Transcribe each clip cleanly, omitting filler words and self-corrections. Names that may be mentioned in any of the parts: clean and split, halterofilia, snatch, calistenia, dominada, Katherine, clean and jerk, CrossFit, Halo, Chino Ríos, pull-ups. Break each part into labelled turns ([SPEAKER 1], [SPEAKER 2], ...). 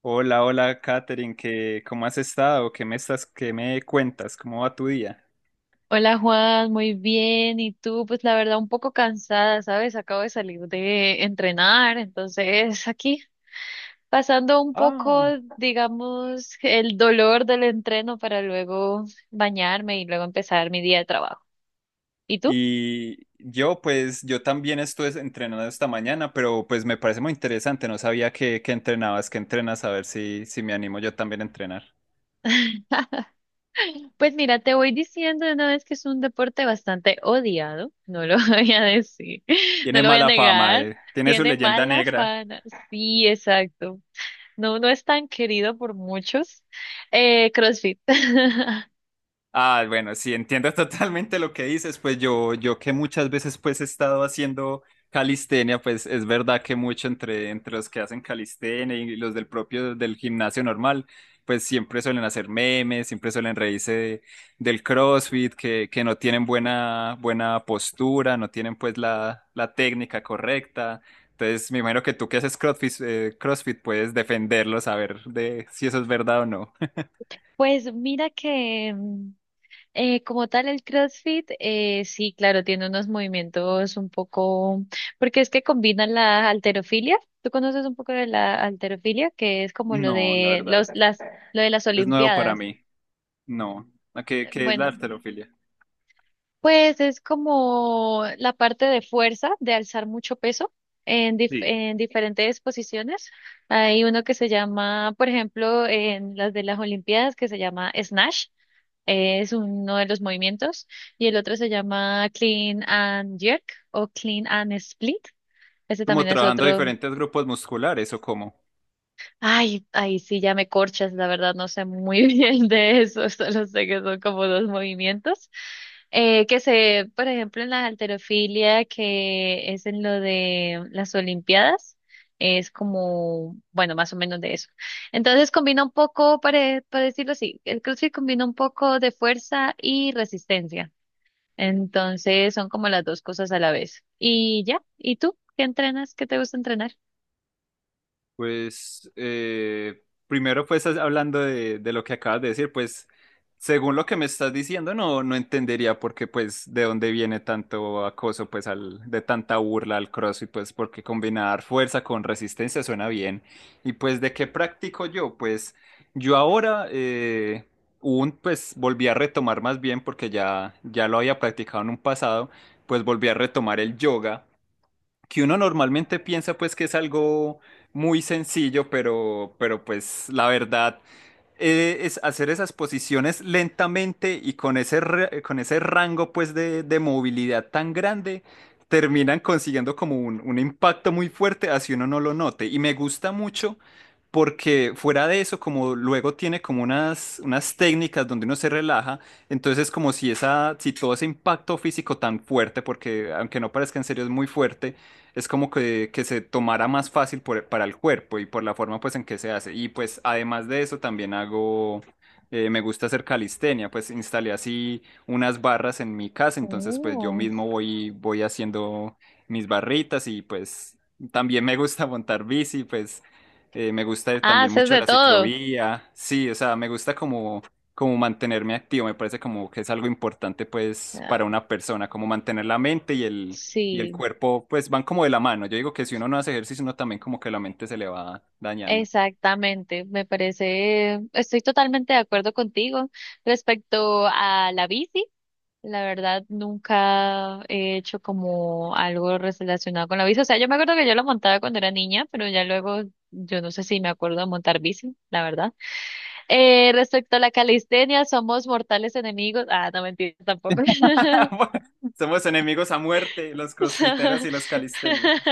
[SPEAKER 1] Hola, hola, Katherine, ¿cómo has estado? ¿Qué qué me cuentas? ¿Cómo va tu día?
[SPEAKER 2] Hola Juan, muy bien. ¿Y tú? Pues la verdad un poco cansada, ¿sabes? Acabo de salir de entrenar, entonces aquí pasando un poco,
[SPEAKER 1] Ah,
[SPEAKER 2] digamos, el dolor del entreno para luego bañarme y luego empezar mi día de trabajo. ¿Y tú?
[SPEAKER 1] y yo pues, yo también estuve entrenando esta mañana, pero pues me parece muy interesante, no sabía que entrenabas, que entrenas, a ver si me animo yo también a entrenar.
[SPEAKER 2] Pues mira, te voy diciendo de una vez que es un deporte bastante odiado, no lo voy a decir, no
[SPEAKER 1] Tiene
[SPEAKER 2] lo voy a
[SPEAKER 1] mala fama,
[SPEAKER 2] negar,
[SPEAKER 1] tiene su
[SPEAKER 2] tiene
[SPEAKER 1] leyenda
[SPEAKER 2] mala
[SPEAKER 1] negra.
[SPEAKER 2] fama. Sí, exacto. No, no es tan querido por muchos. CrossFit.
[SPEAKER 1] Bueno, sí, entiendo totalmente lo que dices, pues yo que muchas veces pues he estado haciendo calistenia, pues es verdad que mucho entre los que hacen calistenia y los del propio del gimnasio normal, pues siempre suelen hacer memes, siempre suelen del CrossFit, que no tienen buena postura, no tienen pues la técnica correcta. Entonces, me imagino que tú que haces CrossFit, CrossFit puedes defenderlo, saber de si eso es verdad o no.
[SPEAKER 2] Pues mira que como tal el CrossFit, sí, claro, tiene unos movimientos un poco, porque es que combinan la halterofilia. ¿Tú conoces un poco de la halterofilia? Que es como lo
[SPEAKER 1] No, la
[SPEAKER 2] de
[SPEAKER 1] verdad.
[SPEAKER 2] los, las, lo de las
[SPEAKER 1] Es nuevo para
[SPEAKER 2] olimpiadas.
[SPEAKER 1] mí. No. ¿A ¿Qué, qué es la
[SPEAKER 2] Bueno,
[SPEAKER 1] arterofilia?
[SPEAKER 2] pues es como la parte de fuerza, de alzar mucho peso en,
[SPEAKER 1] Sí.
[SPEAKER 2] en diferentes posiciones. Hay uno que se llama, por ejemplo, en las de las Olimpiadas, que se llama snatch, es uno de los movimientos, y el otro se llama clean and jerk o clean and split. Ese
[SPEAKER 1] ¿Como
[SPEAKER 2] también es
[SPEAKER 1] trabajando
[SPEAKER 2] otro.
[SPEAKER 1] diferentes grupos musculares o cómo?
[SPEAKER 2] Ay, ay, sí, ya me corchas, la verdad no sé muy bien de eso, solo sé que son como dos movimientos. Que se, por ejemplo, en la halterofilia, que es en lo de las Olimpiadas, es como, bueno, más o menos de eso. Entonces combina un poco, para decirlo así, el CrossFit combina un poco de fuerza y resistencia. Entonces son como las dos cosas a la vez. Y ya, ¿y tú qué entrenas? ¿Qué te gusta entrenar?
[SPEAKER 1] Pues primero pues hablando de lo que acabas de decir, pues según lo que me estás diciendo no, no entendería por qué pues de dónde viene tanto acoso pues al, de tanta burla al CrossFit, pues porque combinar fuerza con resistencia suena bien, y pues de qué practico yo, pues yo ahora un pues volví a retomar más bien porque ya lo había practicado en un pasado, pues volví a retomar el yoga, que uno normalmente piensa pues que es algo muy sencillo, pero pues la verdad es hacer esas posiciones lentamente y con con ese rango pues de movilidad tan grande, terminan consiguiendo como un impacto muy fuerte, así uno no lo note. Y me gusta mucho porque fuera de eso, como luego tiene como unas técnicas donde uno se relaja, entonces es como si todo ese impacto físico tan fuerte, porque aunque no parezca en serio es muy fuerte, es como que se tomara más fácil para el cuerpo y por la forma pues en que se hace. Y pues además de eso también hago, me gusta hacer calistenia, pues instalé así unas barras en mi casa, entonces pues yo
[SPEAKER 2] Oh.
[SPEAKER 1] mismo voy haciendo mis barritas y pues también me gusta montar bici, pues me gusta
[SPEAKER 2] Ah,
[SPEAKER 1] también
[SPEAKER 2] haces
[SPEAKER 1] mucho
[SPEAKER 2] de
[SPEAKER 1] la
[SPEAKER 2] todo.
[SPEAKER 1] ciclovía, sí, o sea, me gusta como... como mantenerme activo, me parece como que es algo importante pues
[SPEAKER 2] Ah,
[SPEAKER 1] para una persona, como mantener la mente y el
[SPEAKER 2] sí,
[SPEAKER 1] cuerpo, pues van como de la mano. Yo digo que si uno no hace ejercicio, uno también como que la mente se le va dañando.
[SPEAKER 2] exactamente. Me parece, estoy totalmente de acuerdo contigo respecto a la bici. La verdad, nunca he hecho como algo relacionado con la bici. O sea, yo me acuerdo que yo la montaba cuando era niña, pero ya luego yo no sé si me acuerdo de montar bici, la verdad. Respecto a la calistenia, somos mortales enemigos. Ah, no mentira, tampoco.
[SPEAKER 1] Somos enemigos a muerte, los crossfiteros y los calisténicos.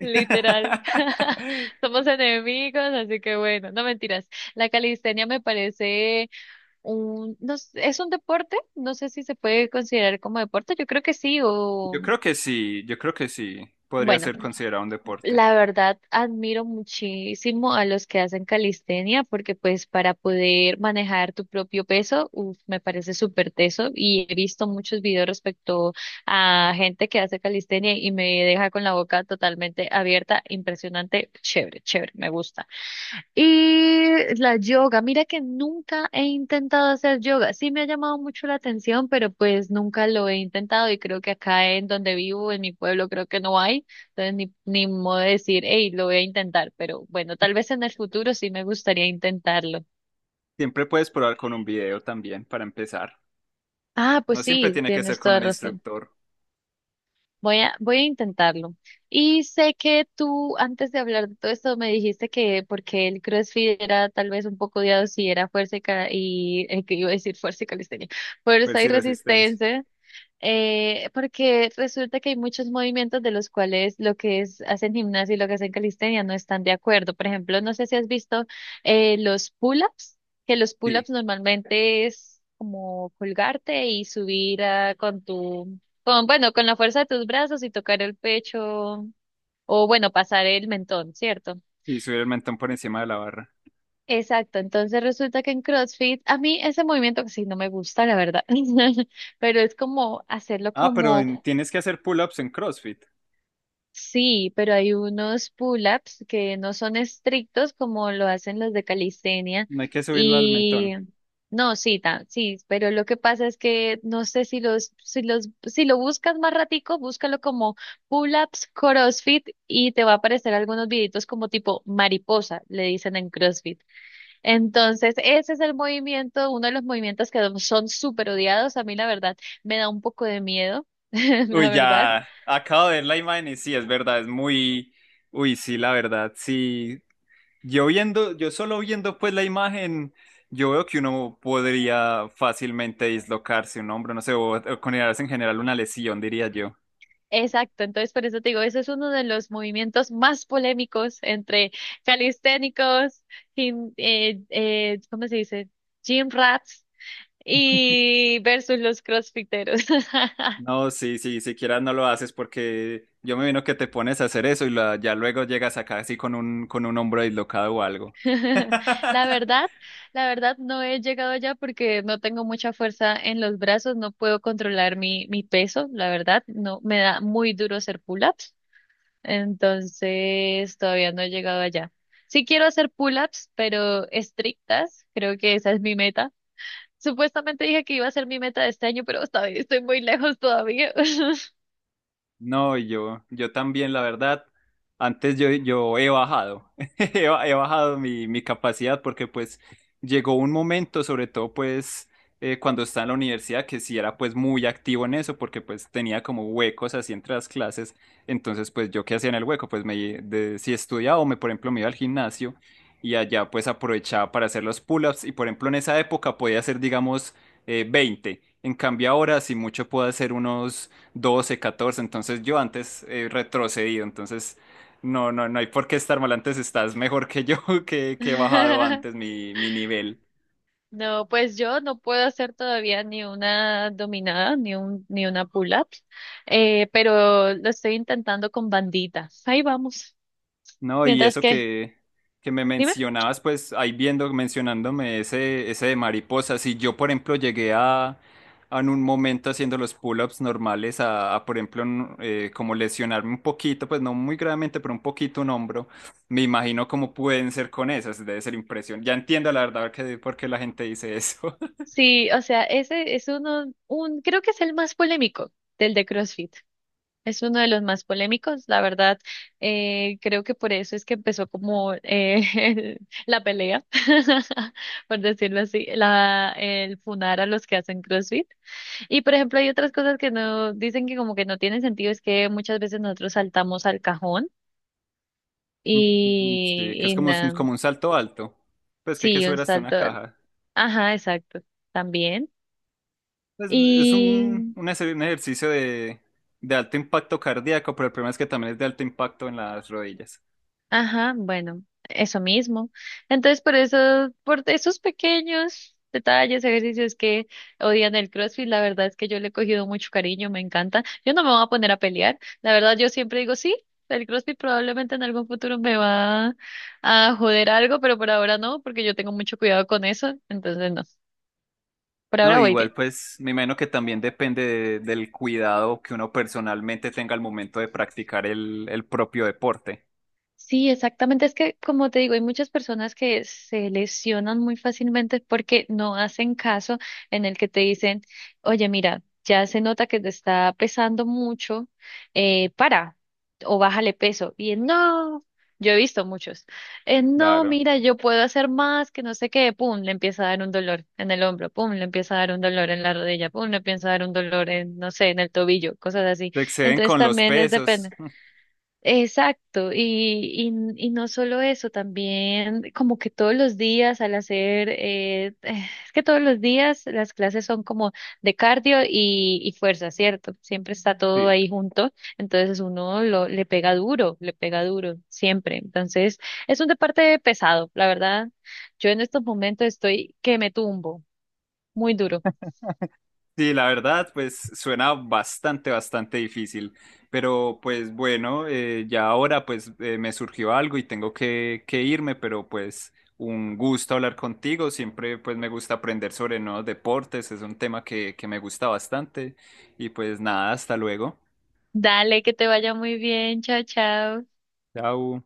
[SPEAKER 2] Literal. Somos enemigos, así que bueno, no mentiras. La calistenia me parece un, no, sé, es un deporte, no sé si se puede considerar como deporte, yo creo que sí, o
[SPEAKER 1] Yo creo que sí, yo creo que sí, podría
[SPEAKER 2] bueno.
[SPEAKER 1] ser considerado un deporte.
[SPEAKER 2] La verdad, admiro muchísimo a los que hacen calistenia porque pues para poder manejar tu propio peso, uf, me parece súper teso y he visto muchos videos respecto a gente que hace calistenia y me deja con la boca totalmente abierta, impresionante, chévere, chévere, me gusta. Y la yoga, mira que nunca he intentado hacer yoga. Sí me ha llamado mucho la atención, pero pues nunca lo he intentado y creo que acá en donde vivo, en mi pueblo, creo que no hay. Entonces ni, ni modo de decir, hey, lo voy a intentar, pero bueno, tal vez en el futuro sí me gustaría intentarlo.
[SPEAKER 1] Siempre puedes probar con un video también para empezar.
[SPEAKER 2] Ah,
[SPEAKER 1] No
[SPEAKER 2] pues
[SPEAKER 1] siempre
[SPEAKER 2] sí,
[SPEAKER 1] tiene que ser
[SPEAKER 2] tienes
[SPEAKER 1] con
[SPEAKER 2] toda
[SPEAKER 1] un
[SPEAKER 2] razón.
[SPEAKER 1] instructor,
[SPEAKER 2] Voy a, voy a intentarlo. Y sé que tú, antes de hablar de todo esto, me dijiste que porque el CrossFit era tal vez un poco odiado si era fuerza y, y que iba a decir fuerza y calistenia,
[SPEAKER 1] ver
[SPEAKER 2] fuerza y
[SPEAKER 1] si resistencia.
[SPEAKER 2] resistencia. Porque resulta que hay muchos movimientos de los cuales lo que es, hacen gimnasia y lo que hacen calistenia no están de acuerdo. Por ejemplo, no sé si has visto los pull-ups, que los
[SPEAKER 1] Sí,
[SPEAKER 2] pull-ups normalmente es como colgarte y subir ah, con tu, con, bueno, con la fuerza de tus brazos y tocar el pecho o bueno, pasar el mentón, ¿cierto?
[SPEAKER 1] y subir el mentón por encima de la barra.
[SPEAKER 2] Exacto, entonces resulta que en CrossFit, a mí ese movimiento que sí no me gusta, la verdad, pero es como hacerlo
[SPEAKER 1] Ah, pero
[SPEAKER 2] como...
[SPEAKER 1] tienes que hacer pull-ups en CrossFit.
[SPEAKER 2] Sí, pero hay unos pull-ups que no son estrictos como lo hacen los de calistenia
[SPEAKER 1] No hay que subirlo al
[SPEAKER 2] y
[SPEAKER 1] mentón.
[SPEAKER 2] no, sí, sí, pero lo que pasa es que no sé si lo buscas más ratico, búscalo como pull-ups CrossFit y te va a aparecer algunos videitos como tipo mariposa, le dicen en CrossFit. Entonces, ese es el movimiento, uno de los movimientos que son súper odiados, a mí la verdad me da un poco de miedo, la
[SPEAKER 1] Uy,
[SPEAKER 2] verdad.
[SPEAKER 1] ya acabo de ver la imagen y sí, es verdad, uy, sí, la verdad, sí. Yo solo viendo pues la imagen, yo veo que uno podría fácilmente dislocarse un hombro, no sé, o considerarse en general una lesión, diría yo.
[SPEAKER 2] Exacto, entonces por eso te digo, eso es uno de los movimientos más polémicos entre calisténicos, ¿cómo se dice? Gym rats y versus los crossfiteros.
[SPEAKER 1] No, sí, siquiera no lo haces porque yo me vino que te pones a hacer eso ya luego llegas acá así con con un hombro dislocado o algo.
[SPEAKER 2] La verdad, la verdad no he llegado allá porque no tengo mucha fuerza en los brazos, no puedo controlar mi, mi peso, la verdad, no me da muy duro hacer pull-ups. Entonces, todavía no he llegado allá. Sí quiero hacer pull-ups, pero estrictas. Creo que esa es mi meta. Supuestamente dije que iba a ser mi meta de este año, pero todavía estoy muy lejos todavía.
[SPEAKER 1] No, yo también, la verdad, antes he bajado mi capacidad porque pues llegó un momento, sobre todo pues cuando estaba en la universidad, que sí era pues muy activo en eso porque pues tenía como huecos así entre las clases, entonces pues yo qué hacía en el hueco, si estudiaba o me, por ejemplo, me iba al gimnasio y allá pues aprovechaba para hacer los pull-ups, y por ejemplo en esa época podía hacer digamos 20, en cambio ahora si mucho puedo hacer unos doce, catorce, entonces yo antes he retrocedido, entonces no hay por qué estar mal, antes estás mejor que yo, que he bajado antes mi nivel.
[SPEAKER 2] No, pues yo no puedo hacer todavía ni una dominada, ni un, ni una pull-up, pero lo estoy intentando con banditas. Ahí vamos.
[SPEAKER 1] No, y
[SPEAKER 2] Mientras
[SPEAKER 1] eso
[SPEAKER 2] que,
[SPEAKER 1] que me
[SPEAKER 2] dime.
[SPEAKER 1] mencionabas, pues ahí viendo, mencionándome ese de mariposas, si yo, por ejemplo, a en un momento haciendo los pull-ups normales, por ejemplo, como lesionarme un poquito, pues no muy gravemente, pero un poquito un hombro, me imagino cómo pueden ser con esas, debe ser impresión. Ya entiendo la verdad por qué la gente dice eso.
[SPEAKER 2] Sí, o sea, ese es uno, un, creo que es el más polémico del de CrossFit. Es uno de los más polémicos, la verdad. Eh, creo que por eso es que empezó como la pelea, por decirlo así, la, el funar a los que hacen CrossFit. Y por ejemplo, hay otras cosas que no dicen que como que no tienen sentido, es que muchas veces nosotros saltamos al cajón
[SPEAKER 1] Mm, sí, que es
[SPEAKER 2] y
[SPEAKER 1] como,
[SPEAKER 2] nada.
[SPEAKER 1] como un salto alto, pues que hay que
[SPEAKER 2] Sí, un
[SPEAKER 1] subir hasta una
[SPEAKER 2] salto.
[SPEAKER 1] caja.
[SPEAKER 2] Ajá, exacto. También.
[SPEAKER 1] Es un, un ejercicio de alto impacto cardíaco, pero el problema es que también es de alto impacto en las rodillas.
[SPEAKER 2] Ajá, bueno, eso mismo. Entonces, por eso, por esos pequeños detalles, ejercicios que odian el CrossFit, la verdad es que yo le he cogido mucho cariño, me encanta. Yo no me voy a poner a pelear. La verdad, yo siempre digo, sí, el CrossFit probablemente en algún futuro me va a joder algo, pero por ahora no, porque yo tengo mucho cuidado con eso. Entonces, no, por
[SPEAKER 1] No,
[SPEAKER 2] ahora voy
[SPEAKER 1] igual
[SPEAKER 2] bien.
[SPEAKER 1] pues me imagino que también depende del cuidado que uno personalmente tenga al momento de practicar el propio deporte.
[SPEAKER 2] Sí, exactamente. Es que, como te digo, hay muchas personas que se lesionan muy fácilmente porque no hacen caso en el que te dicen, oye, mira, ya se nota que te está pesando mucho, para o bájale peso. Y él, no, yo he visto muchos. No,
[SPEAKER 1] Claro.
[SPEAKER 2] mira, yo puedo hacer más que no sé qué". Pum, le empieza a dar un dolor en el hombro, pum, le empieza a dar un dolor en la rodilla, pum, le empieza a dar un dolor en, no sé, en el tobillo, cosas así.
[SPEAKER 1] Se exceden
[SPEAKER 2] Entonces
[SPEAKER 1] con los
[SPEAKER 2] también es depende.
[SPEAKER 1] pesos.
[SPEAKER 2] Exacto, y, y no solo eso, también como que todos los días al hacer, es que todos los días las clases son como de cardio y fuerza, ¿cierto? Siempre está todo
[SPEAKER 1] Sí.
[SPEAKER 2] ahí junto, entonces uno lo, le pega duro, siempre. Entonces es un deporte pesado, la verdad. Yo en estos momentos estoy que me tumbo, muy duro.
[SPEAKER 1] Sí, la verdad, pues suena bastante, bastante difícil, pero pues bueno, ya ahora pues me surgió algo y tengo que irme, pero pues un gusto hablar contigo, siempre pues me gusta aprender sobre nuevos deportes, es un tema que me gusta bastante y pues nada, hasta luego.
[SPEAKER 2] Dale, que te vaya muy bien, chao, chao.
[SPEAKER 1] Chao.